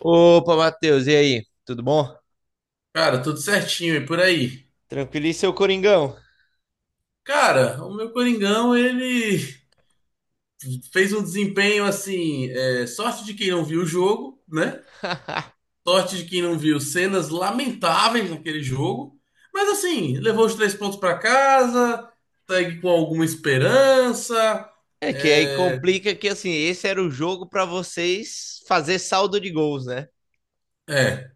Opa, Matheus, e aí? Tudo bom? Cara, tudo certinho e por aí. Tranquilo, e seu Coringão? Cara, o meu Coringão, ele fez um desempenho assim, é, sorte de quem não viu o jogo, né? Sorte de quem não viu cenas lamentáveis naquele jogo. Mas assim, levou os três pontos pra casa, segue com alguma esperança. É que aí É, complica que assim, esse era o jogo para vocês fazer saldo de gols, né? é.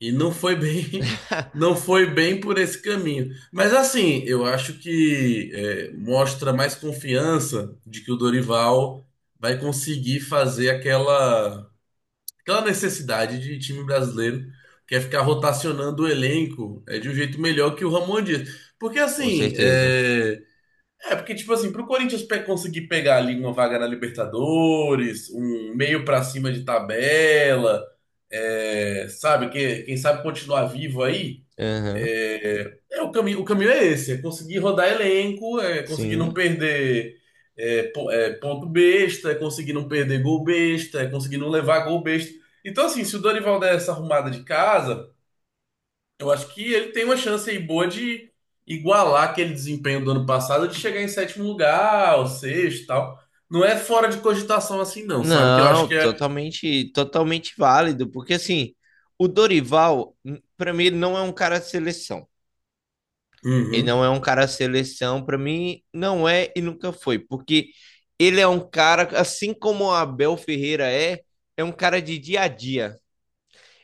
E não foi bem, não foi bem por esse caminho. Mas assim, eu acho que é, mostra mais confiança de que o Dorival vai conseguir fazer aquela, aquela necessidade de time brasileiro, que é ficar rotacionando o elenco é, de um jeito melhor que o Ramon Dias. Porque Com assim, certeza. é, é, porque, tipo assim, pro Corinthians conseguir pegar ali uma vaga na Libertadores, um meio pra cima de tabela, é, sabe, que, quem sabe continuar vivo aí, Aham, é o caminho é esse, é conseguir rodar elenco, é conseguir não Sim. perder é, é, ponto besta, é conseguir não perder gol besta, é conseguir não levar gol besta. Então, assim, se o Dorival der essa arrumada de casa, eu acho que ele tem uma chance aí boa de igualar aquele desempenho do ano passado, de chegar em sétimo lugar, ou sexto e tal. Não é fora de cogitação assim, não, sabe? Que eu acho Não, que é. totalmente, totalmente válido, porque assim, o Dorival, para mim, ele não é um cara de seleção. Ele Uhum, não é um cara de seleção, para mim, não é e nunca foi, porque ele é um cara, assim como o Abel Ferreira é, é um cara de dia a dia.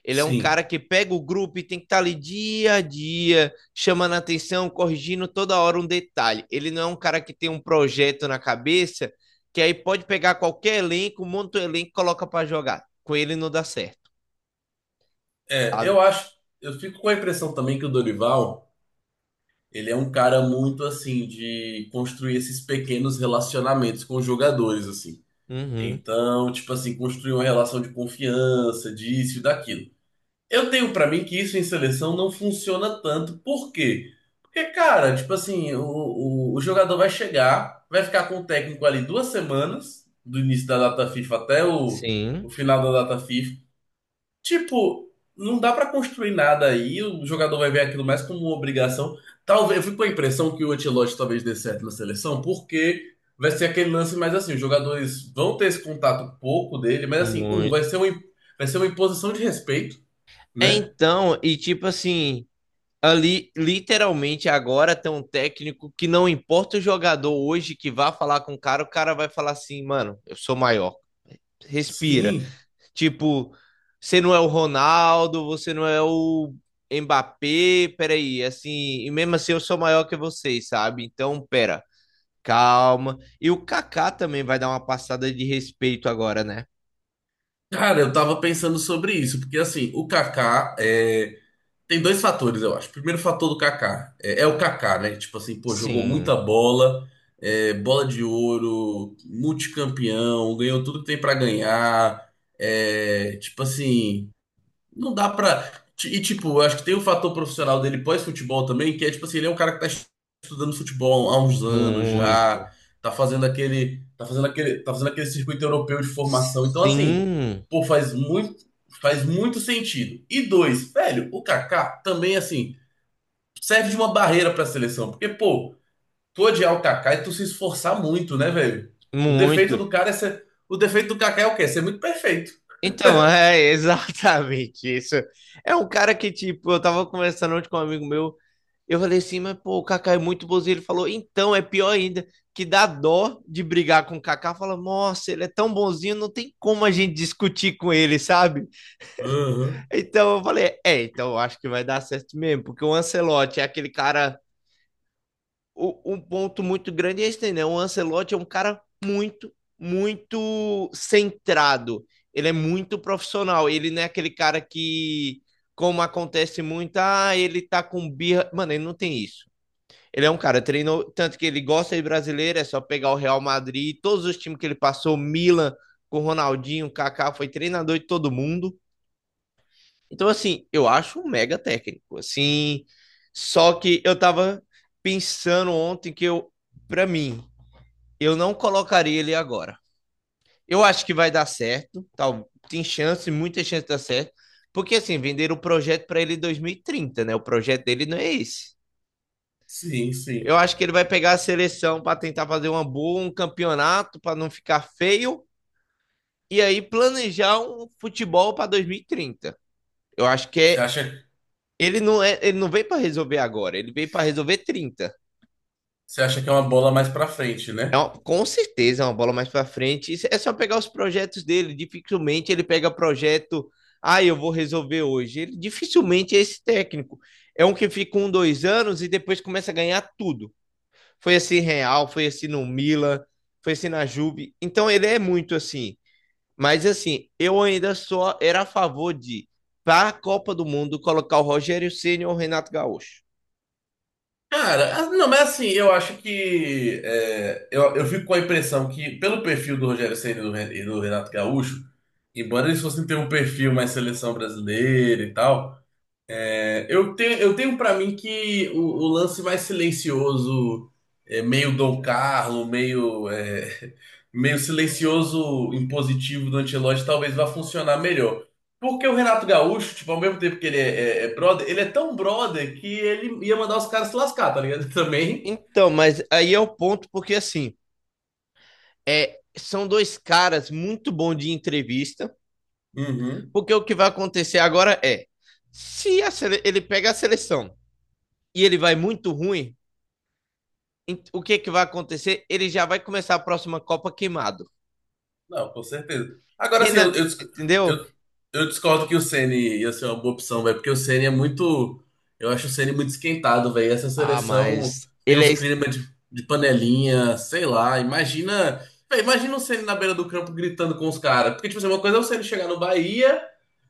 Ele é um sim. cara que pega o grupo e tem que estar ali dia a dia, chamando a atenção, corrigindo toda hora um detalhe. Ele não é um cara que tem um projeto na cabeça que aí pode pegar qualquer elenco, monta o elenco e coloca para jogar. Com ele não dá certo, É, sabe? eu acho. Eu fico com a impressão também que o Dorival, ele é um cara muito assim, de construir esses pequenos relacionamentos com os jogadores, assim. Uhum. Então, tipo assim, construir uma relação de confiança, disso e daquilo. Eu tenho pra mim que isso em seleção não funciona tanto. Por quê? Porque, cara, tipo assim, o jogador vai chegar, vai ficar com o técnico ali duas semanas, do início da data FIFA até o Sim, final da data FIFA. Tipo, não dá pra construir nada aí, o jogador vai ver aquilo mais como uma obrigação. Talvez, eu fico com a impressão que o Ancelotti talvez dê certo na seleção, porque vai ser aquele lance mais assim, os jogadores vão ter esse contato pouco dele, mas assim, um, muito. Vai ser uma imposição de respeito É né? então, e tipo assim, ali literalmente agora tem um técnico que não importa o jogador hoje que vá falar com o cara vai falar assim, mano, eu sou maior. Respira. Sim. Tipo, você não é o Ronaldo, você não é o Mbappé, peraí, assim, e mesmo assim eu sou maior que vocês, sabe? Então, pera, calma. E o Kaká também vai dar uma passada de respeito agora, né? Cara, eu tava pensando sobre isso, porque assim, o Kaká é... tem dois fatores, eu acho. O primeiro fator do Kaká é, é o Kaká, né? Tipo assim, pô, jogou muita Sim, bola, é, bola de ouro, multicampeão, ganhou tudo que tem pra ganhar. É, tipo assim. Não dá pra. E, tipo, eu acho que tem o fator profissional dele pós-futebol também, que é, tipo assim, ele é um cara que tá estudando futebol há uns anos muito. já, tá fazendo aquele, tá fazendo aquele, tá fazendo aquele circuito europeu de formação. Então, assim, Sim, pô, faz muito sentido. E dois, velho, o Kaká também, assim, serve de uma barreira pra seleção, porque, pô, tu odiar o Kaká e tu se esforçar muito, né, velho? O defeito muito. do cara é ser, o defeito do Kaká é o quê? É ser muito perfeito. Então, é exatamente isso. É um cara que, tipo, eu tava conversando ontem com um amigo meu, eu falei assim, mas pô, o Kaká é muito bonzinho. Ele falou, então, é pior ainda, que dá dó de brigar com o Kaká. Fala, nossa, ele é tão bonzinho, não tem como a gente discutir com ele, sabe? Aham. Então eu falei, é, então eu acho que vai dar certo mesmo, porque o Ancelotti é aquele cara. Um ponto muito grande é esse, né? O Ancelotti é um cara muito, muito centrado. Ele é muito profissional. Ele não é aquele cara que, como acontece muito, ah, ele tá com birra. Mano, ele não tem isso. Ele é um cara, treinou tanto que ele gosta de brasileiro, é só pegar o Real Madrid, todos os times que ele passou, Milan, com o Ronaldinho, o Kaká, foi treinador de todo mundo. Então, assim, eu acho um mega técnico, assim. Só que eu tava pensando ontem pra mim, eu não colocaria ele agora. Eu acho que vai dar certo, tal, tem chance, muita chance de dar certo, porque assim, venderam o projeto pra ele em 2030, né? O projeto dele não é esse. Sim, Eu sim. acho que ele vai pegar a seleção pra tentar fazer uma boa, um campeonato pra não ficar feio e aí planejar um futebol pra 2030. Eu acho que Você acha. É, ele não veio para resolver agora, ele veio para resolver 30. Você acha que é uma bola mais pra frente, né? Com certeza é uma bola mais para frente. É só pegar os projetos dele. Dificilmente ele pega projeto. Ah, eu vou resolver hoje. Ele dificilmente é esse técnico. É um que fica um, dois anos e depois começa a ganhar tudo. Foi assim Real, foi assim no Milan, foi assim na Juve. Então ele é muito assim. Mas assim, eu ainda só era a favor de, para a Copa do Mundo, colocar o Rogério Ceni ou o Renato Gaúcho. Cara, ah, não, mas assim, eu acho que. É, eu fico com a impressão que, pelo perfil do Rogério Ceni e do e do Renato Gaúcho, embora eles fossem ter um perfil mais seleção brasileira e tal. É, eu tenho, eu tenho para mim que o lance mais silencioso, é, meio Dom Carlo, meio, é, meio silencioso impositivo do Ancelotti, talvez vá funcionar melhor. Porque o Renato Gaúcho, tipo, ao mesmo tempo que ele é, é brother, ele é tão brother que ele ia mandar os caras se lascar, tá ligado? Também. Então, mas aí é o ponto, porque assim, é, são dois caras muito bons de entrevista, Uhum. porque o que vai acontecer agora é, se a sele- ele pega a seleção e ele vai muito ruim, o que que vai acontecer? Ele já vai começar a próxima Copa queimado. Não, com certeza. Agora, assim, Renan, eu, entendeu? eu discordo que o Ceni ia ser uma boa opção, velho, porque o Ceni é muito. Eu acho o Ceni muito esquentado, velho. Essa Ah, seleção mas tem ele uns é... es- climas de panelinha, sei lá. Imagina. Véio, imagina o Ceni na beira do campo gritando com os caras. Porque, tipo assim, uma coisa é o Ceni chegar no Bahia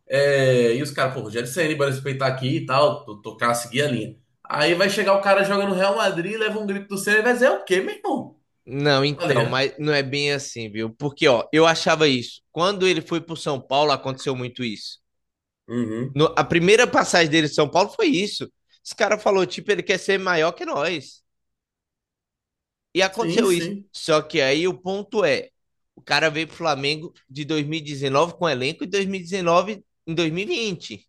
é, e os caras, pô, Rogério Ceni, bora respeitar aqui e tal, tocar, seguir a linha. Aí vai chegar o cara jogando no Real Madrid, leva um grito do Ceni e vai dizer, é o quê, meu irmão? Não, Tá então, ligado? mas não é bem assim, viu? Porque, ó, eu achava isso. Quando ele foi pro São Paulo, aconteceu muito isso. Uhum. A primeira passagem dele de São Paulo foi isso. Esse cara falou, tipo, ele quer ser maior que nós. E Sim, aconteceu isso. sim. Só que aí o ponto é, o cara veio pro Flamengo de 2019 com elenco e 2019 em 2020.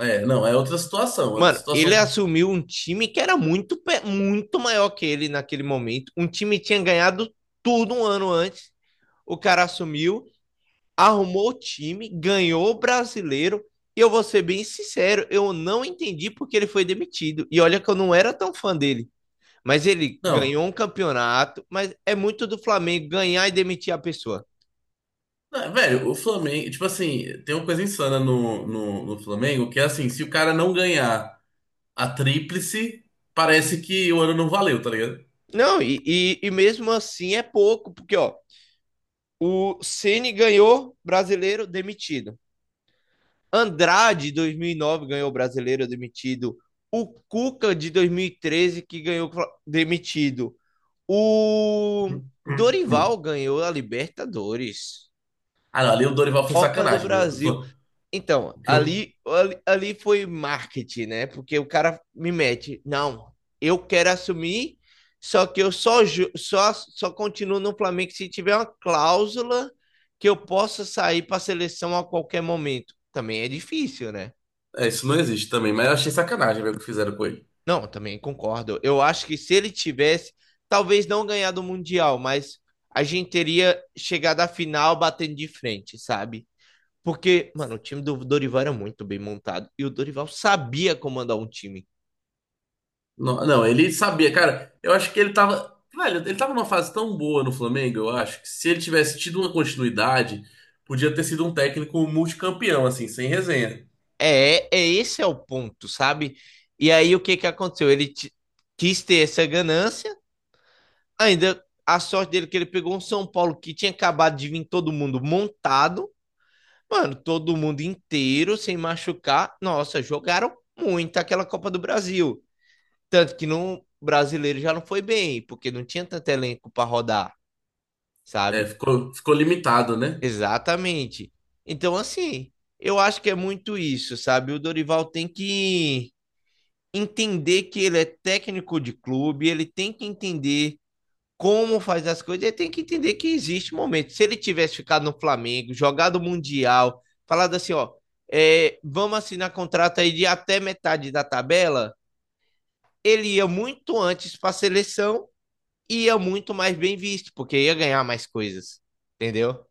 É, não, é outra situação, é outra Mano, ele situação. assumiu um time que era muito, muito maior que ele naquele momento. Um time que tinha ganhado tudo um ano antes. O cara assumiu, arrumou o time, ganhou o brasileiro. E eu vou ser bem sincero, eu não entendi porque ele foi demitido. E olha que eu não era tão fã dele. Mas ele Não, ganhou um campeonato, mas é muito do Flamengo ganhar e demitir a pessoa. não, velho, o Flamengo, tipo assim, tem uma coisa insana no Flamengo, que é assim, se o cara não ganhar a tríplice, parece que o ano não valeu, tá ligado? Não, e mesmo assim é pouco, porque ó, o Ceni ganhou brasileiro demitido. Andrade, 2009, ganhou brasileiro demitido. O Cuca, de 2013 que ganhou demitido. O Dorival ganhou a Libertadores, Ah, não, ali o Dorival foi Copa do sacanagem, meu. Que o Brasil. Então, o que eu- ali foi marketing, né? Porque o cara me mete, não, eu quero assumir, só que eu só, ju- só, só continuo no Flamengo se tiver uma cláusula que eu possa sair para a seleção a qualquer momento. Também é difícil, né? é, isso não existe também, mas eu achei sacanagem, velho, o que fizeram com ele. Não, também concordo. Eu acho que se ele tivesse, talvez não ganhado o Mundial, mas a gente teria chegado à final batendo de frente, sabe? Porque, mano, o time do Dorival era muito bem montado e o Dorival sabia comandar um time. Não, não, ele sabia, cara, eu acho que ele tava. Velho, ele tava numa fase tão boa no Flamengo, eu acho, que se ele tivesse tido uma continuidade, podia ter sido um técnico multicampeão, assim, sem resenha. É, é esse é o ponto, sabe? E aí o que que aconteceu? Quis ter essa ganância, ainda a sorte dele é que ele pegou um São Paulo que tinha acabado de vir todo mundo montado. Mano, todo mundo inteiro, sem machucar. Nossa, jogaram muito aquela Copa do Brasil. Tanto que no brasileiro já não foi bem, porque não tinha tanto elenco para rodar, É, sabe? ficou, ficou limitado, né? Exatamente. Então, assim, eu acho que é muito isso, sabe? O Dorival tem que entender que ele é técnico de clube, ele tem que entender como faz as coisas, ele tem que entender que existe um momento. Se ele tivesse ficado no Flamengo, jogado o Mundial, falado assim, ó, é, vamos assinar contrato aí de até metade da tabela, ele ia muito antes para a seleção e ia muito mais bem visto, porque ia ganhar mais coisas, entendeu?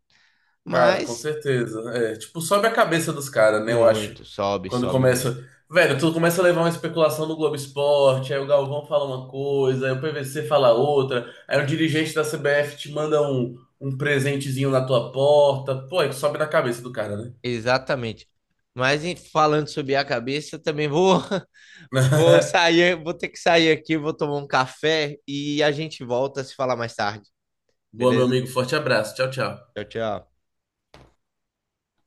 Cara, com Mas certeza. É, tipo, sobe a cabeça dos caras, né? Eu acho. muito, sobe, Quando sobe muito. começa. Velho, tu começa a levar uma especulação do Globo Esporte, aí o Galvão fala uma coisa, aí o PVC fala outra, aí o dirigente da CBF te manda um presentezinho na tua porta. Pô, aí sobe na cabeça do cara, né? Exatamente. Mas falando sobre a cabeça, também vou, vou sair, vou ter que sair aqui, vou tomar um café e a gente volta a se falar mais tarde. Boa, meu Beleza? amigo. Forte abraço. Tchau, tchau. Tchau, tchau.